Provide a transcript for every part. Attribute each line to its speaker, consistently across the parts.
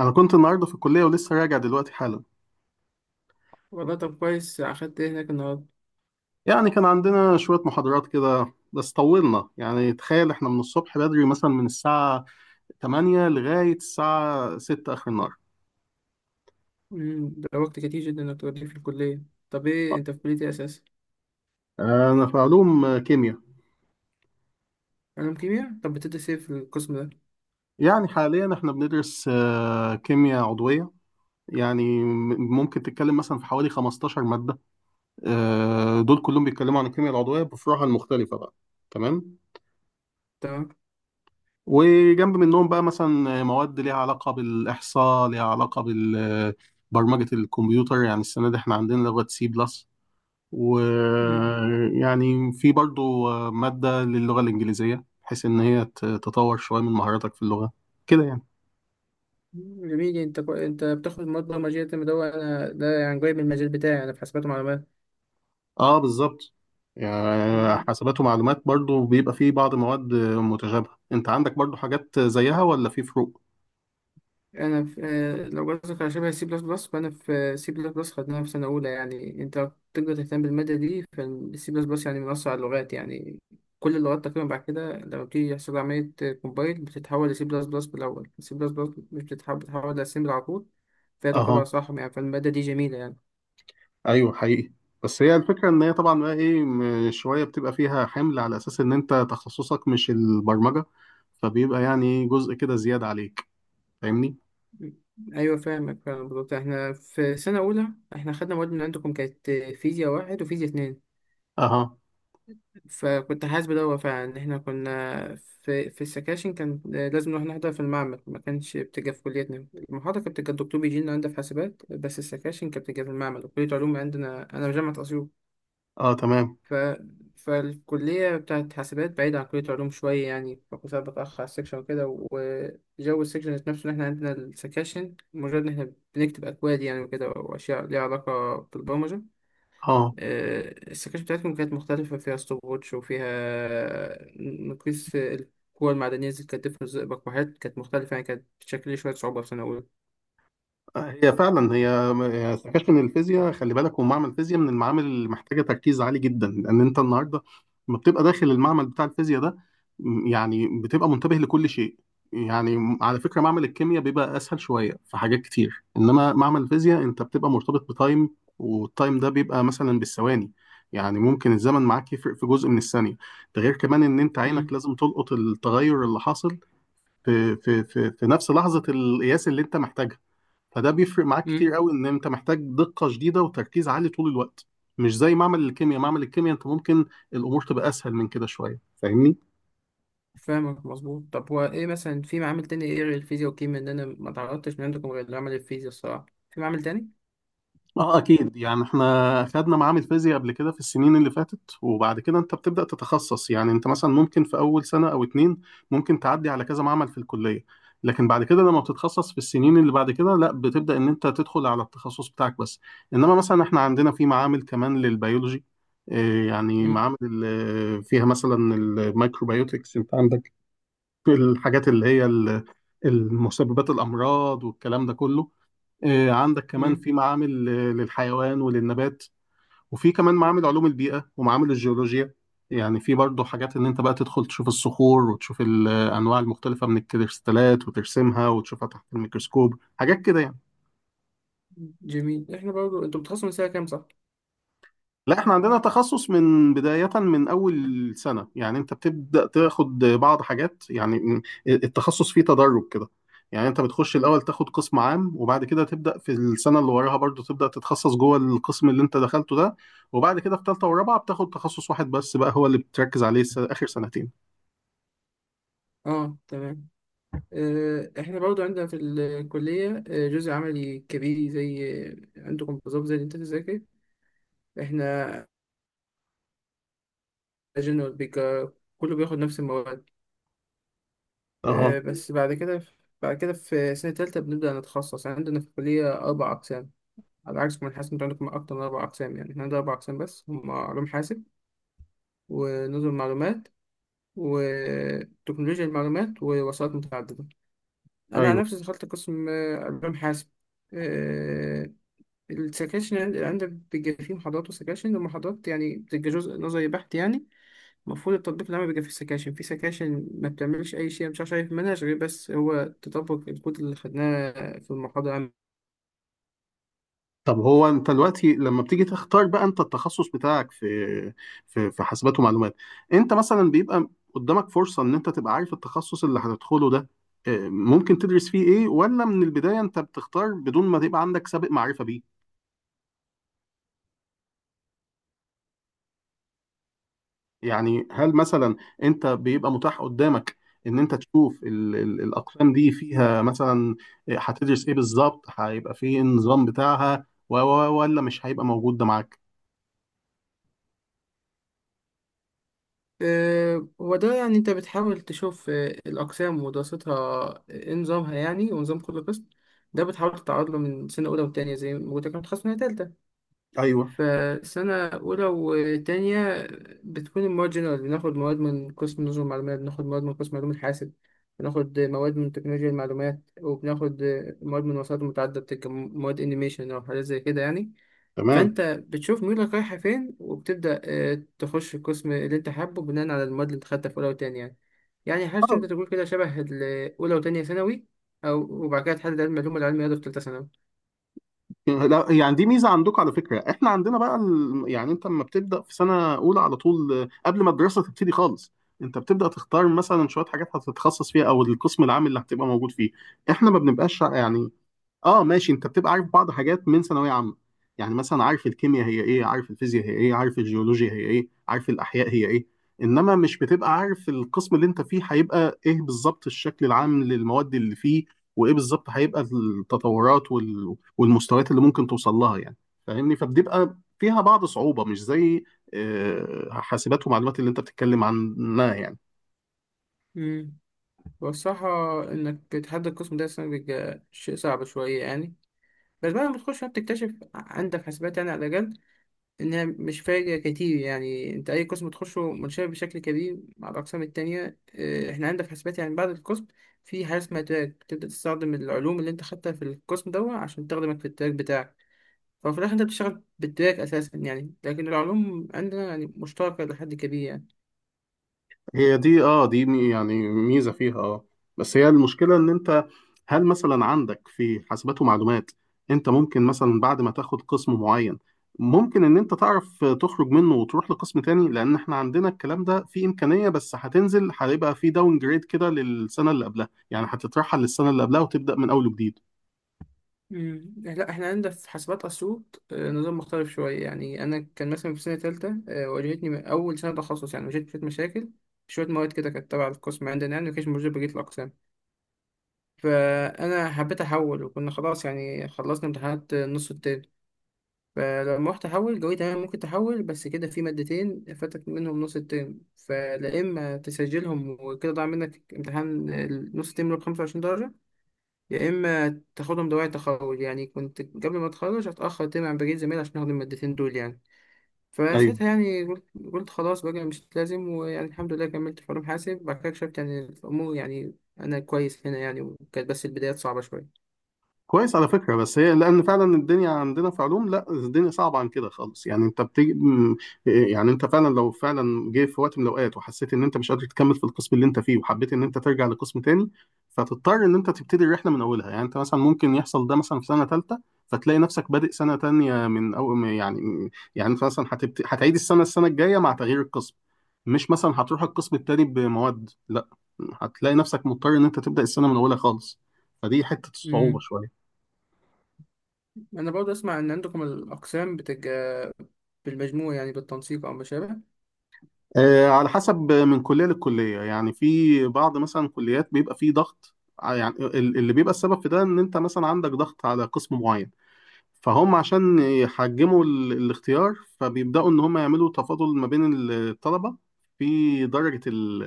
Speaker 1: أنا كنت النهاردة في الكلية ولسه راجع دلوقتي حالا.
Speaker 2: والله، طب كويس، أخدت إيه هناك النهاردة؟
Speaker 1: يعني كان عندنا شوية محاضرات كده، بس طولنا. يعني تخيل، إحنا من الصبح بدري مثلا من الساعة 8 لغاية الساعة 6 آخر النهار.
Speaker 2: ده وقت كتير جدا إنك تقضيه في الكلية. طب إيه أنت في كلية إيه أساسا؟
Speaker 1: أنا في علوم كيمياء.
Speaker 2: علوم كيمياء؟ طب بتدرس إيه في القسم ده؟
Speaker 1: يعني حاليا إحنا بندرس كيمياء عضوية. يعني ممكن تتكلم مثلا في حوالي 15 مادة. دول كلهم بيتكلموا عن الكيمياء العضوية بفروعها المختلفة بقى. تمام.
Speaker 2: تمام.
Speaker 1: وجنب منهم بقى مثلا مواد ليها علاقة بالإحصاء، ليها علاقة ببرمجة الكمبيوتر. يعني السنة دي احنا عندنا لغة سي بلس.
Speaker 2: مم.
Speaker 1: ويعني في برضو مادة للغة الإنجليزية بحيث إن هي تطور شوية من مهاراتك في اللغة، كده يعني.
Speaker 2: جميل. أنت بتاخد مواد برمجية ده. أنا ده يعني جاي من المجال بتاعي، أنا في حاسبات ومعلومات.
Speaker 1: اه، بالظبط. يعني حاسبات ومعلومات برضو بيبقى فيه بعض مواد متشابهة. انت عندك برضو حاجات زيها ولا في فروق؟
Speaker 2: انا في لو قصدك على شبه سي بلس بلس فانا في سي بلس بلس، خدناها في سنه اولى. يعني انت لو تقدر تهتم بالماده دي، فالسي بلس بلس يعني من اسرع اللغات يعني. كل اللغات تقريبا بعد كده لما بتيجي يحصل عمليه كومبايل بتتحول لسي بلس بلس بالاول، سي بلس بلس مش بتتحول، بتتحول لاسمبل على طول. فهي تعتبر اصعب يعني، فالماده دي جميله يعني.
Speaker 1: ايوه، حقيقي. بس هي الفكره ان هي طبعا بقى ايه شويه بتبقى فيها حمل على اساس ان انت تخصصك مش البرمجه، فبيبقى يعني جزء كده زياده عليك، فاهمني.
Speaker 2: ايوه فاهمك، فاهم بالظبط. احنا في سنه اولى احنا خدنا مواد من عندكم، كانت فيزياء واحد وفيزياء اتنين.
Speaker 1: اها.
Speaker 2: فكنت حاسس بدوت فعلا ان احنا كنا في السكاشن كان لازم نروح نحضر في المعمل. ما كانش بتبقى في كليتنا، المحاضرة كانت بتبقى الدكتور بيجي لنا عندنا في حاسبات، بس السكاشن كانت بتبقى في المعمل وكلية علوم عندنا. انا في جامعة اسيوط.
Speaker 1: اه، تمام.
Speaker 2: ف... فالكلية بتاعت حاسبات بعيدة عن كلية علوم شوية يعني، فكنت ساعات بتأخر على السكشن وكده. وجو السكشن ذات نفسه ان احنا عندنا السكاشن مجرد ان احنا بنكتب اكواد يعني وكده، واشياء ليها علاقة بالبرمجة.
Speaker 1: اه،
Speaker 2: السكاش بتاعتكم كانت مختلفة، فيها ستوب ووتش، وفيها مقياس القوى المعدنية زي الكتف والزئبق، وحاجات كانت مختلفة يعني، كانت بتشكل لي شوية صعوبة في سنة أولى.
Speaker 1: هي فعلا. هي استكشف ان الفيزياء، خلي بالك، هو معمل الفيزياء من المعامل اللي محتاجه تركيز عالي جدا، لان انت النهارده لما بتبقى داخل المعمل بتاع الفيزياء ده يعني بتبقى منتبه لكل شيء. يعني على فكره معمل الكيمياء بيبقى اسهل شويه في حاجات كتير، انما معمل الفيزياء انت بتبقى مرتبط بتايم، والتايم ده بيبقى مثلا بالثواني. يعني ممكن الزمن معاك يفرق في جزء من الثانيه. ده غير كمان ان انت عينك
Speaker 2: مم.
Speaker 1: لازم تلقط التغير اللي حاصل في نفس لحظه القياس اللي انت محتاجها. فده بيفرق معاك كتير
Speaker 2: مم.
Speaker 1: قوي، ان انت محتاج دقة شديدة وتركيز عالي طول الوقت، مش زي معمل الكيمياء. معمل الكيمياء انت ممكن الامور تبقى اسهل من كده شوية، فاهمني.
Speaker 2: فاهمك مظبوط. طب هو إيه مثلا في معامل تاني، إيه غير الفيزياء والكيمياء؟ إن أنا ما تعرضتش من عندكم غير لعمل الفيزياء الصراحة، في معامل تاني؟
Speaker 1: اه، اكيد. يعني احنا خدنا معامل فيزياء قبل كده في السنين اللي فاتت، وبعد كده انت بتبدأ تتخصص. يعني انت مثلا ممكن في اول سنة او اتنين ممكن تعدي على كذا معمل في الكلية، لكن بعد كده لما بتتخصص في السنين اللي بعد كده لا، بتبدأ ان انت تدخل على التخصص بتاعك بس. انما مثلا احنا عندنا في معامل كمان للبيولوجي. يعني
Speaker 2: مم.
Speaker 1: معامل فيها مثلا الميكروبيوتكس. انت عندك الحاجات اللي هي المسببات الامراض والكلام ده كله. عندك كمان
Speaker 2: مم.
Speaker 1: في معامل للحيوان وللنبات، وفي كمان معامل علوم البيئة ومعامل الجيولوجيا. يعني في برضه حاجات ان انت بقى تدخل تشوف الصخور وتشوف الانواع المختلفة من الكريستالات وترسمها وتشوفها تحت الميكروسكوب، حاجات كده يعني.
Speaker 2: جميل. إحنا برضو أنتوا بتخلصوا من سنة كام صح؟
Speaker 1: لا، احنا عندنا تخصص من بداية من أول سنة. يعني أنت بتبدأ تاخد بعض حاجات. يعني التخصص فيه تدرج كده. يعني أنت بتخش الأول تاخد قسم عام، وبعد كده تبدأ في السنة اللي وراها برضو تبدأ تتخصص جوه القسم اللي أنت دخلته ده، وبعد كده في تالتة ورابعة بتاخد تخصص واحد بس بقى هو اللي بتركز عليه آخر سنتين.
Speaker 2: آه تمام. إحنا برضو عندنا في الكلية جزء عملي كبير زي عندكم بالظبط، زي اللي أنت تذاكر. إحنا جنرال بيبقى كله بياخد نفس المواد.
Speaker 1: أها.
Speaker 2: بس بعد كده في سنة تالتة بنبدأ نتخصص. يعني عندنا في الكلية أربع أقسام، على عكس من حاسب أنتوا عندكم أكتر من أربع أقسام. يعني إحنا عندنا أربع أقسام بس، هما علوم حاسب ونظم معلومات وتكنولوجيا المعلومات ووسائط متعددة. أنا عن
Speaker 1: أيوه.
Speaker 2: نفسي دخلت قسم علوم حاسب. آه، عندنا بيبقى فيه محاضرات وسكاشن. المحاضرات يعني بتبقى جزء نظري بحت يعني، المفروض التطبيق العملي بيبقى فيه سكاشن. في سكاشن ما بتعملش أي شيء، مش عارف، شايف منهج غير بس هو تطبق الكود اللي خدناه في المحاضرة العامة.
Speaker 1: طب هو انت دلوقتي لما بتيجي تختار بقى انت التخصص بتاعك في حاسبات ومعلومات، انت مثلا بيبقى قدامك فرصة ان انت تبقى عارف التخصص اللي هتدخله ده اه، ممكن تدرس فيه ايه، ولا من البداية انت بتختار بدون ما تبقى عندك سابق معرفة بيه؟ يعني هل مثلا انت بيبقى متاح قدامك ان انت تشوف ال الاقسام دي فيها مثلا اه، هتدرس ايه بالظبط، هيبقى فيه إيه النظام بتاعها، ولا مش هيبقى موجود ده معاك؟
Speaker 2: هو ده يعني أنت بتحاول تشوف الأقسام ودراستها، إيه نظامها يعني، ونظام كل قسم. ده بتحاول تتعرض له من سنة أولى وتانية، زي ما قلت لك هتخصص من تالتة.
Speaker 1: ايوه،
Speaker 2: فسنة أولى وتانية بتكون المواد جنرال، بناخد مواد من قسم نظم معلومات، بناخد مواد من قسم علوم الحاسب، بناخد مواد من تكنولوجيا المعلومات، وبناخد مواد من وسائط متعددة. مواد انيميشن أو حاجات زي كده يعني.
Speaker 1: تمام.
Speaker 2: فأنت بتشوف ميولك رايحة فين، وبتبدأ تخش القسم اللي أنت حابه بناء على المواد اللي أنت خدتها في أولى وتانية يعني. يعني حاجة تقدر تقول كده شبه الأولى وتانية ثانوي، أو وبعد كده تحدد علم العلوم العلمي رياضة في تالتة
Speaker 1: لا يعني دي ميزه عندكم على فكره. احنا عندنا بقى يعني انت لما بتبدا في سنه اولى على طول قبل ما الدراسه تبتدي خالص انت بتبدا تختار مثلا شويه حاجات هتتخصص فيها، او القسم العام اللي هتبقى موجود فيه. احنا ما بنبقاش يعني، اه ماشي، انت بتبقى عارف بعض حاجات من ثانويه عامه. يعني مثلا عارف الكيمياء هي ايه، عارف الفيزياء هي ايه، عارف الجيولوجيا هي ايه، عارف الاحياء هي ايه، انما مش بتبقى عارف القسم اللي انت فيه هيبقى ايه بالظبط، الشكل العام للمواد اللي فيه، وايه بالظبط هيبقى التطورات والمستويات اللي ممكن توصل لها يعني، فاهمني. فبتبقى فيها بعض صعوبه، مش زي حاسبات ومعلومات اللي انت بتتكلم عنها يعني.
Speaker 2: ثانوي. هو الصراحة إنك تحدد القسم ده أصلا بيبقى شيء صعب شوية يعني. بس بعد ما بتخش بتكتشف عندك حسابات يعني على الأقل، إنها مش فارقة كتير. يعني أنت أي قسم تخشه متشابه بشكل كبير مع الأقسام التانية. إحنا عندنا في حسابات يعني، بعد القسم في حاجة اسمها تراك، بتبدأ تستخدم العلوم اللي أنت خدتها في القسم ده عشان تخدمك في التراك بتاعك. ففي الآخر أنت بتشتغل بالتراك أساسا يعني، لكن العلوم عندنا يعني مشتركة لحد كبير يعني.
Speaker 1: هي دي، دي يعني ميزة فيها بس هي المشكلة ان انت هل مثلا عندك في حاسبات ومعلومات انت ممكن مثلا بعد ما تاخد قسم معين، ممكن ان انت تعرف تخرج منه وتروح لقسم تاني؟ لان احنا عندنا الكلام ده في امكانية، بس هتنزل، هيبقى في داون جريد كده للسنة اللي قبلها. يعني هتترحل للسنة اللي قبلها وتبدأ من اول وجديد.
Speaker 2: مم. لا احنا عندنا في حاسبات اسيوط نظام مختلف شويه. يعني انا كان مثلا في سنه ثالثه، واجهتني من اول سنه تخصص يعني واجهت شويه مشاكل. شويه مواد كده كانت تبع القسم عندنا يعني ما كانش موجوده بقيه الاقسام. فانا حبيت احول، وكنا خلاص يعني خلصنا امتحانات النص التاني. فلما رحت احول جوي تمام ممكن تحول، بس كده في مادتين فاتك منهم نص الترم، فلا اما تسجلهم وكده ضاع منك امتحان النص الترم ب 25 درجة، يا اما تاخدهم دوائي تخرج. يعني كنت قبل ما اتخرج هتاخر تاني عن بقيه زمايلي عشان اخد المادتين دول يعني. فساعتها يعني قلت خلاص بقى مش لازم. ويعني الحمد لله كملت في علوم حاسب، وبعد كده اكتشفت يعني الامور يعني انا كويس هنا يعني، وكانت بس البدايات صعبه شويه.
Speaker 1: كويس على فكرة. بس هي لأن فعلا الدنيا عندنا في علوم لا، الدنيا صعبة عن كده خالص. يعني أنت بتيجي يعني أنت فعلا لو فعلا جه في وقت من الأوقات وحسيت إن أنت مش قادر تكمل في القسم اللي أنت فيه وحبيت إن أنت ترجع لقسم تاني، فتضطر إن أنت تبتدي الرحلة من أولها. يعني أنت مثلا ممكن يحصل ده مثلا في سنة تالتة، فتلاقي نفسك بادئ سنة تانية من يعني، يعني أنت مثلا هتعيد السنة الجاية مع تغيير القسم. مش مثلا هتروح القسم التاني بمواد، لا، هتلاقي نفسك مضطر إن أنت تبدأ السنة من أولها خالص. فدي حتة الصعوبة
Speaker 2: امم.
Speaker 1: شوية.
Speaker 2: انا برضه اسمع ان عندكم الاقسام بتبقى بالمجموع يعني، بالتنسيق او ما شابه.
Speaker 1: على حسب من كلية للكلية. يعني في بعض مثلا كليات بيبقى فيه ضغط. يعني اللي بيبقى السبب في ده ان انت مثلا عندك ضغط على قسم معين، فهم عشان يحجموا الاختيار، فبيبدأوا ان هم يعملوا تفاضل ما بين الطلبة في درجة ال-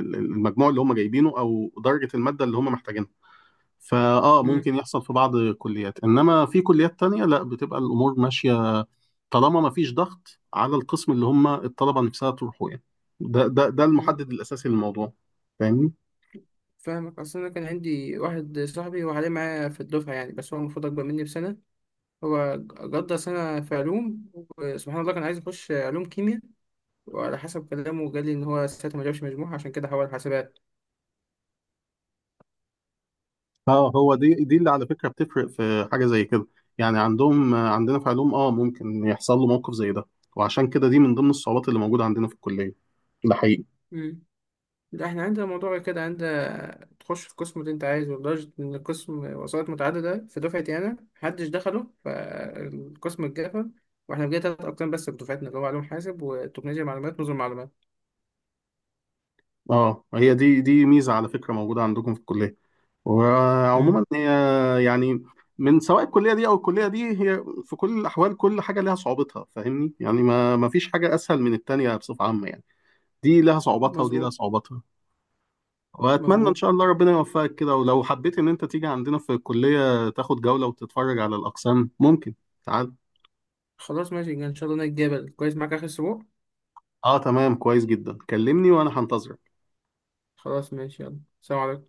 Speaker 1: ال- المجموع اللي هم جايبينه او درجة المادة اللي هم محتاجينها. فاه
Speaker 2: امم.
Speaker 1: ممكن يحصل في بعض الكليات، انما في كليات تانية لا، بتبقى الامور ماشية طالما ما فيش ضغط على القسم اللي هم الطلبه نفسها تروحوا يعني. ده
Speaker 2: امم.
Speaker 1: المحدد الاساسي للموضوع، فاهمني.
Speaker 2: فاهمك. اصل انا كان عندي واحد صاحبي وعليه معايا في الدفعه يعني، بس هو المفروض اكبر مني بسنه. هو جدة سنة في علوم، وسبحان الله كان عايز يخش علوم كيمياء، وعلى حسب كلامه جالي إن هو ساعتها ما جابش مجموعة، عشان كده حول حاسبات.
Speaker 1: اه، هو دي اللي على فكره بتفرق في حاجه زي كده. يعني عندنا في علوم ممكن يحصل له موقف زي ده، وعشان كده دي من ضمن الصعوبات اللي موجوده عندنا في الكليه. ده حقيقي.
Speaker 2: مم. لا احنا عندنا موضوع كده، عندنا تخش في القسم اللي انت عايزه، لدرجة ان القسم وسائط متعددة في دفعتي انا محدش دخله فالقسم اتقفل. واحنا بقينا تلات اقسام بس في دفعتنا، اللي هو علوم حاسب وتكنولوجيا معلومات نظم معلومات.
Speaker 1: اه، هي دي ميزه على فكره موجوده عندكم في الكليه.
Speaker 2: مم.
Speaker 1: وعموما هي يعني من سواء الكليه دي او الكليه دي، هي في كل الاحوال كل حاجه ليها صعوبتها، فاهمني. يعني ما فيش حاجه اسهل من التانيه بصفه عامه يعني. دي لها صعوباتها ودي لها
Speaker 2: مظبوط.
Speaker 1: صعوباتها. واتمنى ان
Speaker 2: مظبوط.
Speaker 1: شاء الله ربنا يوفقك كده. ولو حبيت ان انت تيجي عندنا في الكلية تاخد جولة وتتفرج على الاقسام، ممكن تعال.
Speaker 2: خلاص ماشي، ان شاء الله نتقابل كويس معاك اخر اسبوع.
Speaker 1: اه، تمام، كويس جدا. كلمني وانا هنتظرك.
Speaker 2: خلاص ماشي، يلا، سلام عليكم.